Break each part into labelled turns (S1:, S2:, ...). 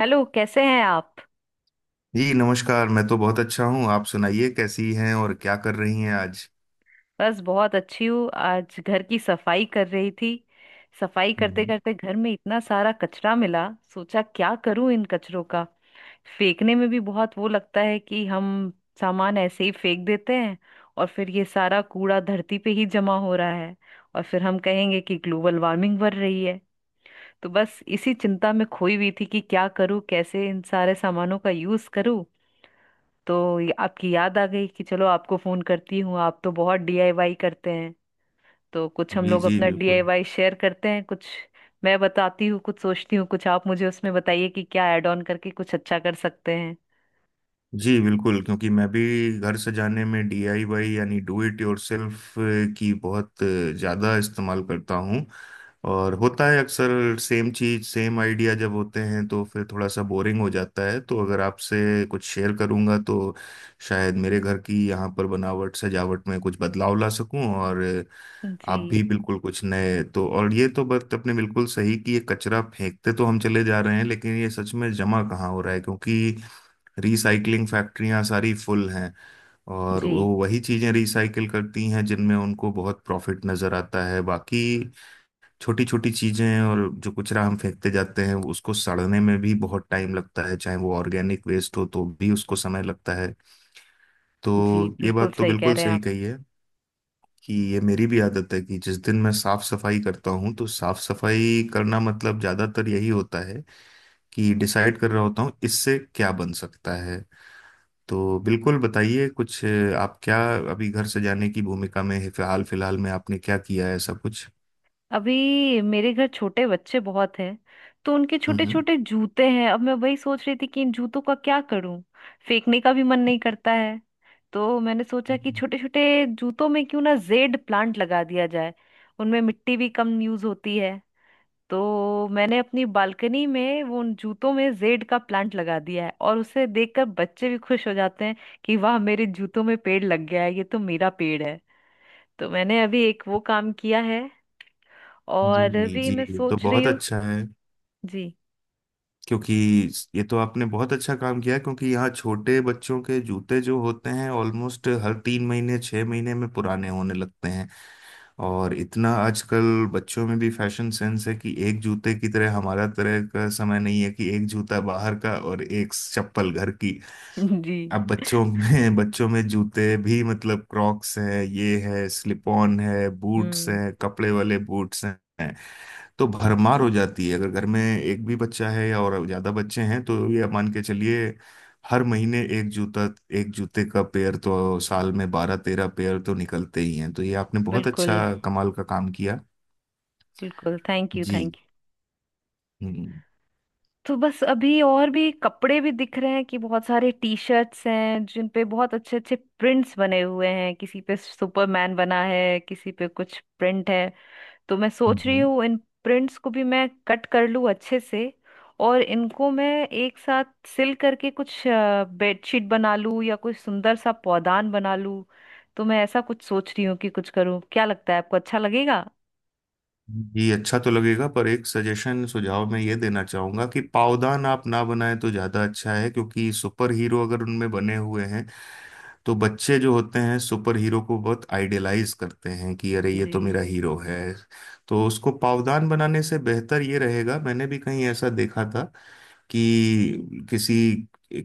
S1: Hello कैसे हैं आप।
S2: जी नमस्कार। मैं तो बहुत अच्छा हूँ। आप सुनाइए कैसी हैं और क्या कर रही हैं आज?
S1: बस बहुत अच्छी हूँ। आज घर की सफाई कर रही थी। सफाई करते
S2: हम्म।
S1: करते घर में इतना सारा कचरा मिला। सोचा क्या करूँ इन कचरों का। फेंकने में भी बहुत वो लगता है कि हम सामान ऐसे ही फेंक देते हैं। और फिर ये सारा कूड़ा धरती पे ही जमा हो रहा है। और फिर हम कहेंगे कि ग्लोबल वार्मिंग बढ़ रही है। तो बस इसी चिंता में खोई हुई थी कि क्या करूँ, कैसे इन सारे सामानों का यूज़ करूँ। तो ये आपकी याद आ गई कि चलो आपको फोन करती हूँ, आप तो बहुत डीआईवाई करते हैं। तो कुछ हम
S2: जी
S1: लोग
S2: जी
S1: अपना
S2: बिल्कुल।
S1: डीआईवाई शेयर करते हैं कुछ। मैं बताती हूँ कुछ, सोचती हूँ कुछ, आप मुझे उसमें बताइए कि क्या ऐड ऑन करके कुछ अच्छा कर सकते हैं।
S2: जी बिल्कुल, क्योंकि मैं भी घर सजाने में डीआईवाई यानी डू इट योरसेल्फ की बहुत ज़्यादा इस्तेमाल करता हूँ। और होता है अक्सर सेम चीज़ सेम आइडिया जब होते हैं तो फिर थोड़ा सा बोरिंग हो जाता है, तो अगर आपसे कुछ शेयर करूँगा तो शायद मेरे घर की यहाँ पर बनावट सजावट में कुछ बदलाव ला सकूँ। और
S1: जी।
S2: आप भी बिल्कुल कुछ नए। तो और ये तो बात अपने बिल्कुल सही, कि ये कचरा फेंकते तो हम चले जा रहे हैं लेकिन ये सच में जमा कहाँ हो रहा है, क्योंकि रिसाइकलिंग फैक्ट्रियां सारी फुल हैं और वो
S1: जी
S2: वही चीजें रिसाइकिल करती हैं जिनमें उनको बहुत प्रॉफिट नजर आता है, बाकी छोटी छोटी चीजें। और जो कचरा हम फेंकते जाते हैं उसको सड़ने में भी बहुत टाइम लगता है, चाहे वो ऑर्गेनिक वेस्ट हो तो भी उसको समय लगता है।
S1: जी
S2: तो ये
S1: बिल्कुल
S2: बात तो
S1: सही कह
S2: बिल्कुल
S1: रहे हैं
S2: सही
S1: आप।
S2: कही है, कि ये मेरी भी आदत है कि जिस दिन मैं साफ सफाई करता हूँ तो साफ सफाई करना मतलब ज्यादातर यही होता है कि डिसाइड कर रहा होता हूँ इससे क्या बन सकता है। तो बिल्कुल बताइए, कुछ आप क्या अभी घर से जाने की भूमिका में है, हाल फिलहाल में आपने क्या किया है ऐसा कुछ?
S1: अभी मेरे घर छोटे बच्चे बहुत हैं। तो उनके छोटे
S2: हम्म।
S1: छोटे जूते हैं। अब मैं वही सोच रही थी कि इन जूतों का क्या करूं। फेंकने का भी मन नहीं करता है। तो मैंने सोचा कि छोटे छोटे जूतों में क्यों ना जेड प्लांट लगा दिया जाए। उनमें मिट्टी भी कम यूज होती है। तो मैंने अपनी बालकनी में वो उन जूतों में जेड का प्लांट लगा दिया है, और उसे देखकर बच्चे भी खुश हो जाते हैं कि वाह मेरे जूतों में पेड़ लग गया है, ये तो मेरा पेड़ है। तो मैंने अभी एक वो काम किया है, और
S2: जी
S1: भी
S2: जी,
S1: मैं
S2: ये तो
S1: सोच रही
S2: बहुत
S1: हूँ।
S2: अच्छा है।
S1: जी।
S2: क्योंकि ये तो आपने बहुत अच्छा काम किया है, क्योंकि यहाँ छोटे बच्चों के जूते जो होते हैं ऑलमोस्ट हर 3 महीने 6 महीने में पुराने होने लगते हैं। और इतना आजकल बच्चों में भी फैशन सेंस है कि एक जूते की तरह हमारा तरह का समय नहीं है कि एक जूता बाहर का और एक चप्पल घर की।
S1: जी।
S2: अब बच्चों में बच्चों में जूते भी मतलब क्रॉक्स हैं, ये है स्लिप ऑन है, बूट्स
S1: हम्म।
S2: हैं, कपड़े वाले बूट्स हैं। तो भरमार हो जाती है, अगर घर में एक भी बच्चा है या और ज्यादा बच्चे हैं तो ये आप मान के चलिए हर महीने एक जूता, एक जूते का पेयर तो साल में 12-13 पेयर तो निकलते ही हैं, तो ये आपने बहुत
S1: बिल्कुल
S2: अच्छा कमाल का काम किया।
S1: बिल्कुल। थैंक यू
S2: जी।
S1: Thank you.
S2: हम्म
S1: तो बस अभी और भी कपड़े भी दिख रहे हैं कि बहुत सारे टी शर्ट्स हैं जिन पे बहुत अच्छे अच्छे प्रिंट्स बने हुए हैं। किसी पे सुपरमैन बना है, किसी पे कुछ प्रिंट है। तो मैं सोच रही
S2: हम्म।
S1: हूँ इन प्रिंट्स को भी मैं कट कर लूँ अच्छे से, और इनको मैं एक साथ सिल करके कुछ बेडशीट बना लूँ या कुछ सुंदर सा पौधान बना लूँ। तो मैं ऐसा कुछ सोच रही हूँ कि कुछ करूँ। क्या लगता है आपको, अच्छा लगेगा?
S2: जी, अच्छा तो लगेगा, पर एक सजेशन सुझाव मैं ये देना चाहूंगा कि पावदान आप ना बनाएं तो ज्यादा अच्छा है, क्योंकि सुपर हीरो अगर उनमें बने हुए हैं तो बच्चे जो होते हैं सुपर हीरो को बहुत आइडियलाइज करते हैं कि अरे ये
S1: जी।
S2: तो मेरा हीरो है। तो उसको पावदान बनाने से बेहतर ये रहेगा, मैंने भी कहीं ऐसा देखा था कि किसी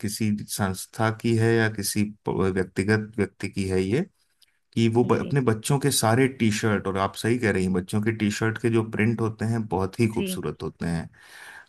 S2: किसी संस्था की है या किसी व्यक्तिगत व्यक्ति की है ये, कि वो
S1: जी।
S2: अपने बच्चों के सारे टी शर्ट। और आप सही कह रही हैं, बच्चों के टी शर्ट के जो प्रिंट होते हैं बहुत ही
S1: जी।
S2: खूबसूरत होते हैं।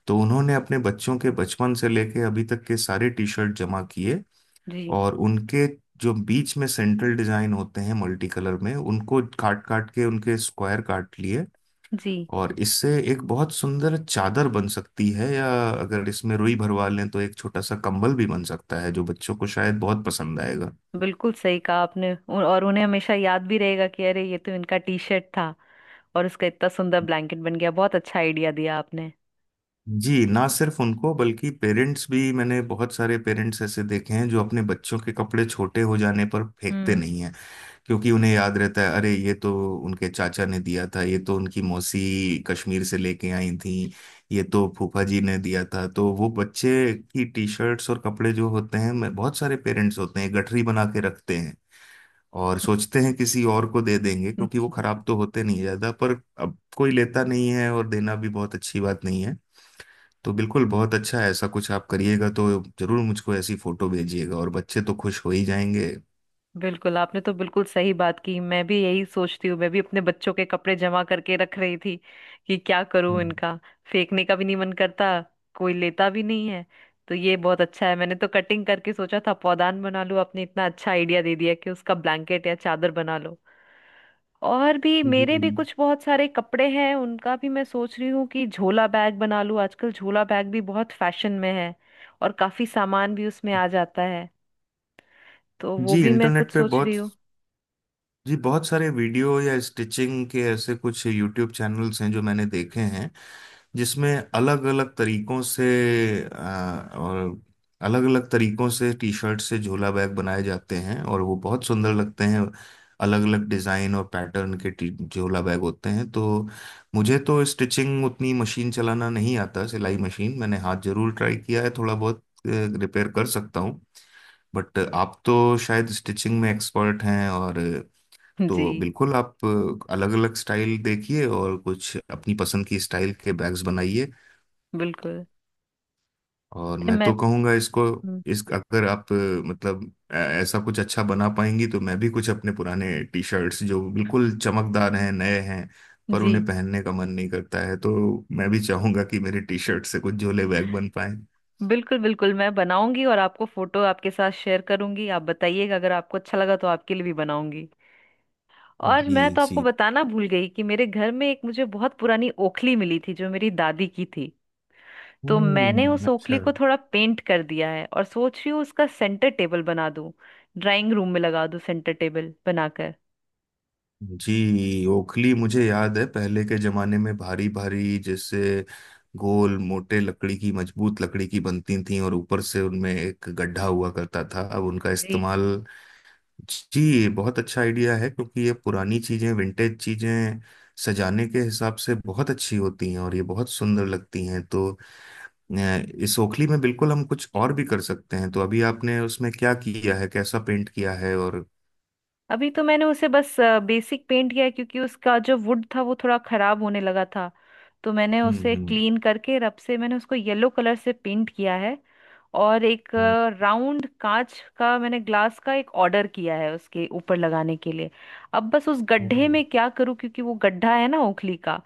S2: तो उन्होंने अपने बच्चों के बचपन से लेके अभी तक के सारे टी शर्ट जमा किए
S1: जी
S2: और उनके जो बीच में सेंट्रल डिजाइन होते हैं मल्टी कलर में उनको काट काट के उनके स्क्वायर काट लिए।
S1: जी
S2: और इससे एक बहुत सुंदर चादर बन सकती है, या अगर इसमें रुई भरवा लें तो एक छोटा सा कंबल भी बन सकता है जो बच्चों को शायद बहुत पसंद आएगा।
S1: बिल्कुल सही कहा आपने। और उन्हें हमेशा याद भी रहेगा कि अरे ये तो इनका टी शर्ट था और उसका इतना सुंदर ब्लैंकेट बन गया। बहुत अच्छा आइडिया दिया आपने।
S2: जी, ना सिर्फ उनको बल्कि पेरेंट्स भी। मैंने बहुत सारे पेरेंट्स ऐसे देखे हैं जो अपने बच्चों के कपड़े छोटे हो जाने पर फेंकते
S1: हम्म।
S2: नहीं, क्योंकि उन्हें याद रहता है, अरे ये तो उनके चाचा ने दिया था, ये तो उनकी मौसी कश्मीर से लेके आई थी, ये तो फूफा जी ने दिया था। तो वो बच्चे की टी शर्ट्स और कपड़े जो होते हैं, मैं बहुत सारे पेरेंट्स होते हैं गठरी बना के रखते हैं, और सोचते हैं किसी और को दे देंगे, क्योंकि वो खराब तो होते नहीं ज्यादा, पर अब कोई लेता नहीं है, और देना भी बहुत अच्छी बात नहीं है। तो बिल्कुल बहुत अच्छा है, ऐसा कुछ आप करिएगा तो जरूर मुझको ऐसी फोटो भेजिएगा, और बच्चे तो खुश हो ही जाएंगे।
S1: बिल्कुल आपने तो बिल्कुल सही बात की। मैं भी यही सोचती हूँ। मैं भी अपने बच्चों के कपड़े जमा करके रख रही थी कि क्या करूँ
S2: हम्म।
S1: इनका। फेंकने का भी नहीं मन करता, कोई लेता भी नहीं है। तो ये बहुत अच्छा है। मैंने तो कटिंग करके सोचा था पौधान बना लूँ, आपने इतना अच्छा आइडिया दे दिया कि उसका ब्लैंकेट या चादर बना लो। और भी
S2: जी,
S1: मेरे भी कुछ बहुत सारे कपड़े हैं, उनका भी मैं सोच रही हूँ कि झोला बैग बना लूँ। आजकल झोला बैग भी बहुत फैशन में है, और काफी सामान भी उसमें आ जाता है। तो वो
S2: जी
S1: भी मैं कुछ
S2: इंटरनेट पे
S1: सोच
S2: बहुत।
S1: रही हूँ।
S2: जी, बहुत सारे वीडियो या स्टिचिंग के ऐसे कुछ यूट्यूब चैनल्स हैं जो मैंने देखे हैं जिसमें अलग अलग तरीकों से अ, और अलग अलग तरीकों से टी शर्ट से झोला बैग बनाए जाते हैं और वो बहुत सुंदर लगते हैं। अलग अलग डिज़ाइन और पैटर्न के टी झोला बैग होते हैं, तो मुझे तो स्टिचिंग उतनी मशीन चलाना नहीं आता। सिलाई मशीन मैंने हाथ जरूर ट्राई किया है, थोड़ा बहुत रिपेयर कर सकता हूँ, बट आप तो शायद स्टिचिंग में एक्सपर्ट हैं, और तो
S1: जी।
S2: बिल्कुल आप अलग अलग स्टाइल देखिए और कुछ अपनी पसंद की स्टाइल के बैग्स बनाइए।
S1: बिल्कुल
S2: और
S1: नहीं,
S2: मैं
S1: मैं।
S2: तो कहूँगा इसको
S1: हम्म।
S2: इस अगर आप मतलब ऐसा कुछ अच्छा बना पाएंगी तो मैं भी कुछ अपने पुराने टी शर्ट्स जो बिल्कुल चमकदार हैं नए हैं पर
S1: जी
S2: उन्हें पहनने का मन नहीं करता है, तो मैं भी चाहूंगा कि मेरे टी शर्ट से कुछ झोले बैग बन पाए।
S1: बिल्कुल बिल्कुल। मैं बनाऊंगी और आपको फोटो आपके साथ शेयर करूंगी। आप बताइएगा, अगर आपको अच्छा लगा तो आपके लिए भी बनाऊंगी। और
S2: जी
S1: मैं तो आपको
S2: जी।
S1: बताना भूल गई कि मेरे घर में एक मुझे बहुत पुरानी ओखली मिली थी, जो मेरी दादी की थी। तो मैंने
S2: हम्म,
S1: उस
S2: अच्छा।
S1: ओखली को थोड़ा पेंट कर दिया है, और सोच रही हूँ उसका सेंटर टेबल बना दूं, ड्राइंग रूम में लगा दूं सेंटर टेबल बनाकर।
S2: जी, ओखली मुझे याद है, पहले के जमाने में भारी भारी जैसे गोल मोटे लकड़ी की, मजबूत लकड़ी की बनती थी, और ऊपर से उनमें एक गड्ढा हुआ करता था, अब उनका
S1: जी।
S2: इस्तेमाल। जी, ये बहुत अच्छा आइडिया है, क्योंकि ये पुरानी चीजें विंटेज चीजें सजाने के हिसाब से बहुत अच्छी होती हैं, और ये बहुत सुंदर लगती हैं, तो अ, इस ओखली में बिल्कुल हम कुछ और भी कर सकते हैं, तो अभी आपने उसमें क्या किया है, कैसा पेंट किया है, और?
S1: अभी तो मैंने उसे बस बेसिक पेंट किया है, क्योंकि उसका जो वुड था वो थोड़ा खराब होने लगा था। तो मैंने
S2: हम्म
S1: उसे
S2: हम्म
S1: क्लीन करके रब से मैंने उसको येलो कलर से पेंट किया है। और एक राउंड कांच का, मैंने ग्लास का एक ऑर्डर किया है उसके ऊपर लगाने के लिए। अब बस उस गड्ढे
S2: हम्म।
S1: में क्या करूं, क्योंकि वो गड्ढा है ना ओखली का।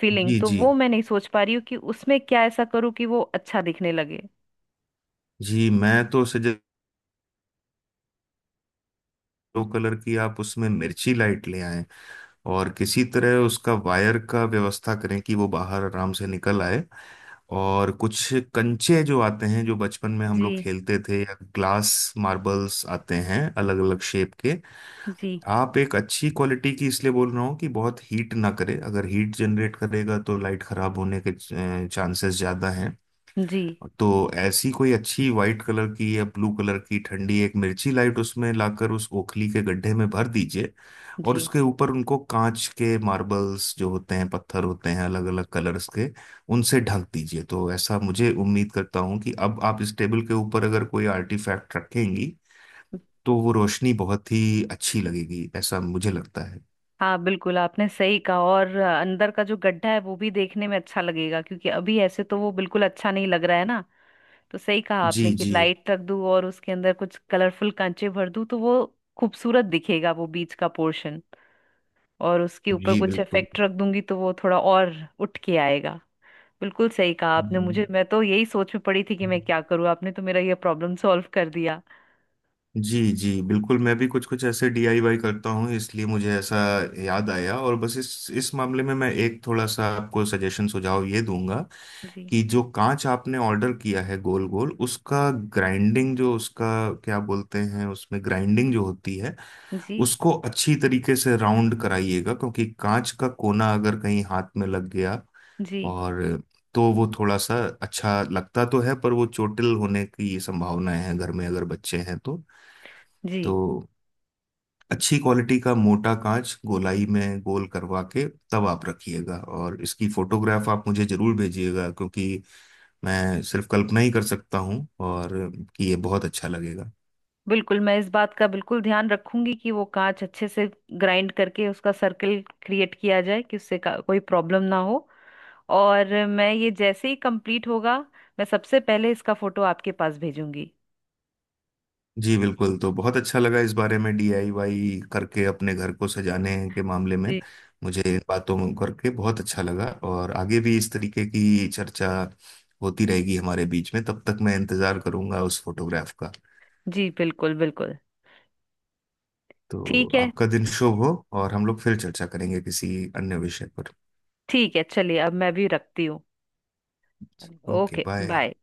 S1: फीलिंग
S2: जी
S1: तो
S2: जी।
S1: वो मैं नहीं सोच पा रही हूँ कि उसमें क्या ऐसा करूँ कि वो अच्छा दिखने लगे।
S2: जी मैं तो सजेस्ट, 2 कलर की आप उसमें मिर्ची लाइट ले आएं, और किसी तरह उसका वायर का व्यवस्था करें कि वो बाहर आराम से निकल आए, और कुछ कंचे जो आते हैं जो बचपन में हम
S1: जी।
S2: लोग खेलते थे, या ग्लास मार्बल्स आते हैं अलग अलग शेप के।
S1: जी।
S2: आप एक अच्छी क्वालिटी की, इसलिए बोल रहा हूँ कि बहुत हीट ना करे, अगर हीट जनरेट करेगा तो लाइट खराब होने के चांसेस ज़्यादा हैं।
S1: जी।
S2: तो ऐसी कोई अच्छी वाइट कलर की या ब्लू कलर की ठंडी एक मिर्ची लाइट उसमें लाकर उस ओखली के गड्ढे में भर दीजिए, और
S1: जी।
S2: उसके ऊपर उनको कांच के मार्बल्स जो होते हैं, पत्थर होते हैं अलग अलग कलर्स के, उनसे ढक दीजिए, तो ऐसा मुझे उम्मीद करता हूँ कि अब आप इस टेबल के ऊपर अगर कोई आर्टिफैक्ट रखेंगी तो वो रोशनी बहुत ही अच्छी लगेगी, ऐसा मुझे लगता है।
S1: हाँ बिल्कुल आपने सही कहा। अंदर का जो गड्ढा है वो भी देखने में अच्छा लगेगा, क्योंकि अभी ऐसे तो वो बिल्कुल अच्छा नहीं लग रहा है ना। तो सही कहा आपने
S2: जी
S1: कि
S2: जी।
S1: लाइट रख दूं और उसके अंदर कुछ कलरफुल कांचे भर दूं, तो वो खूबसूरत दिखेगा वो बीच का पोर्शन। और उसके ऊपर
S2: जी
S1: कुछ
S2: बिल्कुल।
S1: इफेक्ट रख दूंगी तो वो थोड़ा और उठ के आएगा। बिल्कुल सही कहा आपने मुझे। मैं तो यही सोच में पड़ी थी कि
S2: जी
S1: मैं क्या करूं, आपने तो मेरा ये प्रॉब्लम सॉल्व कर दिया।
S2: जी जी बिल्कुल, मैं भी कुछ कुछ ऐसे डीआईवाई करता हूँ, इसलिए मुझे ऐसा याद आया। और बस इस मामले में मैं एक थोड़ा सा आपको सजेशन सुझाव ये दूंगा,
S1: जी।
S2: कि जो कांच आपने ऑर्डर किया है गोल गोल, उसका ग्राइंडिंग जो उसका क्या बोलते हैं, उसमें ग्राइंडिंग जो होती है,
S1: जी।
S2: उसको अच्छी तरीके से राउंड कराइएगा, क्योंकि कांच का कोना अगर कहीं हाथ में लग गया
S1: जी।
S2: और, तो वो थोड़ा सा अच्छा लगता तो है, पर वो चोटिल होने की संभावनाएं हैं, घर में अगर बच्चे हैं तो
S1: जी
S2: तो अच्छी क्वालिटी का मोटा कांच गोलाई में गोल करवा के तब आप रखिएगा, और इसकी फोटोग्राफ आप मुझे जरूर भेजिएगा, क्योंकि मैं सिर्फ कल्पना ही कर सकता हूँ, और कि ये बहुत अच्छा लगेगा।
S1: बिल्कुल, मैं इस बात का बिल्कुल ध्यान रखूंगी कि वो कांच अच्छे से ग्राइंड करके उसका सर्कल क्रिएट किया जाए कि कोई प्रॉब्लम ना हो। और मैं ये जैसे ही कंप्लीट होगा, मैं सबसे पहले इसका फोटो आपके पास भेजूंगी।
S2: जी बिल्कुल, तो बहुत अच्छा लगा इस बारे में डीआईवाई करके अपने घर को सजाने के मामले में।
S1: जी।
S2: मुझे इन बातों में करके बहुत अच्छा लगा, और आगे भी इस तरीके की चर्चा होती रहेगी हमारे बीच में। तब तक मैं इंतजार करूंगा उस फोटोग्राफ का।
S1: जी बिल्कुल बिल्कुल।
S2: तो
S1: ठीक है।
S2: आपका दिन शुभ हो, और हम लोग फिर चर्चा करेंगे किसी अन्य विषय पर।
S1: ठीक है चलिए, अब मैं भी रखती हूँ।
S2: Okay
S1: okay
S2: bye.
S1: बाय।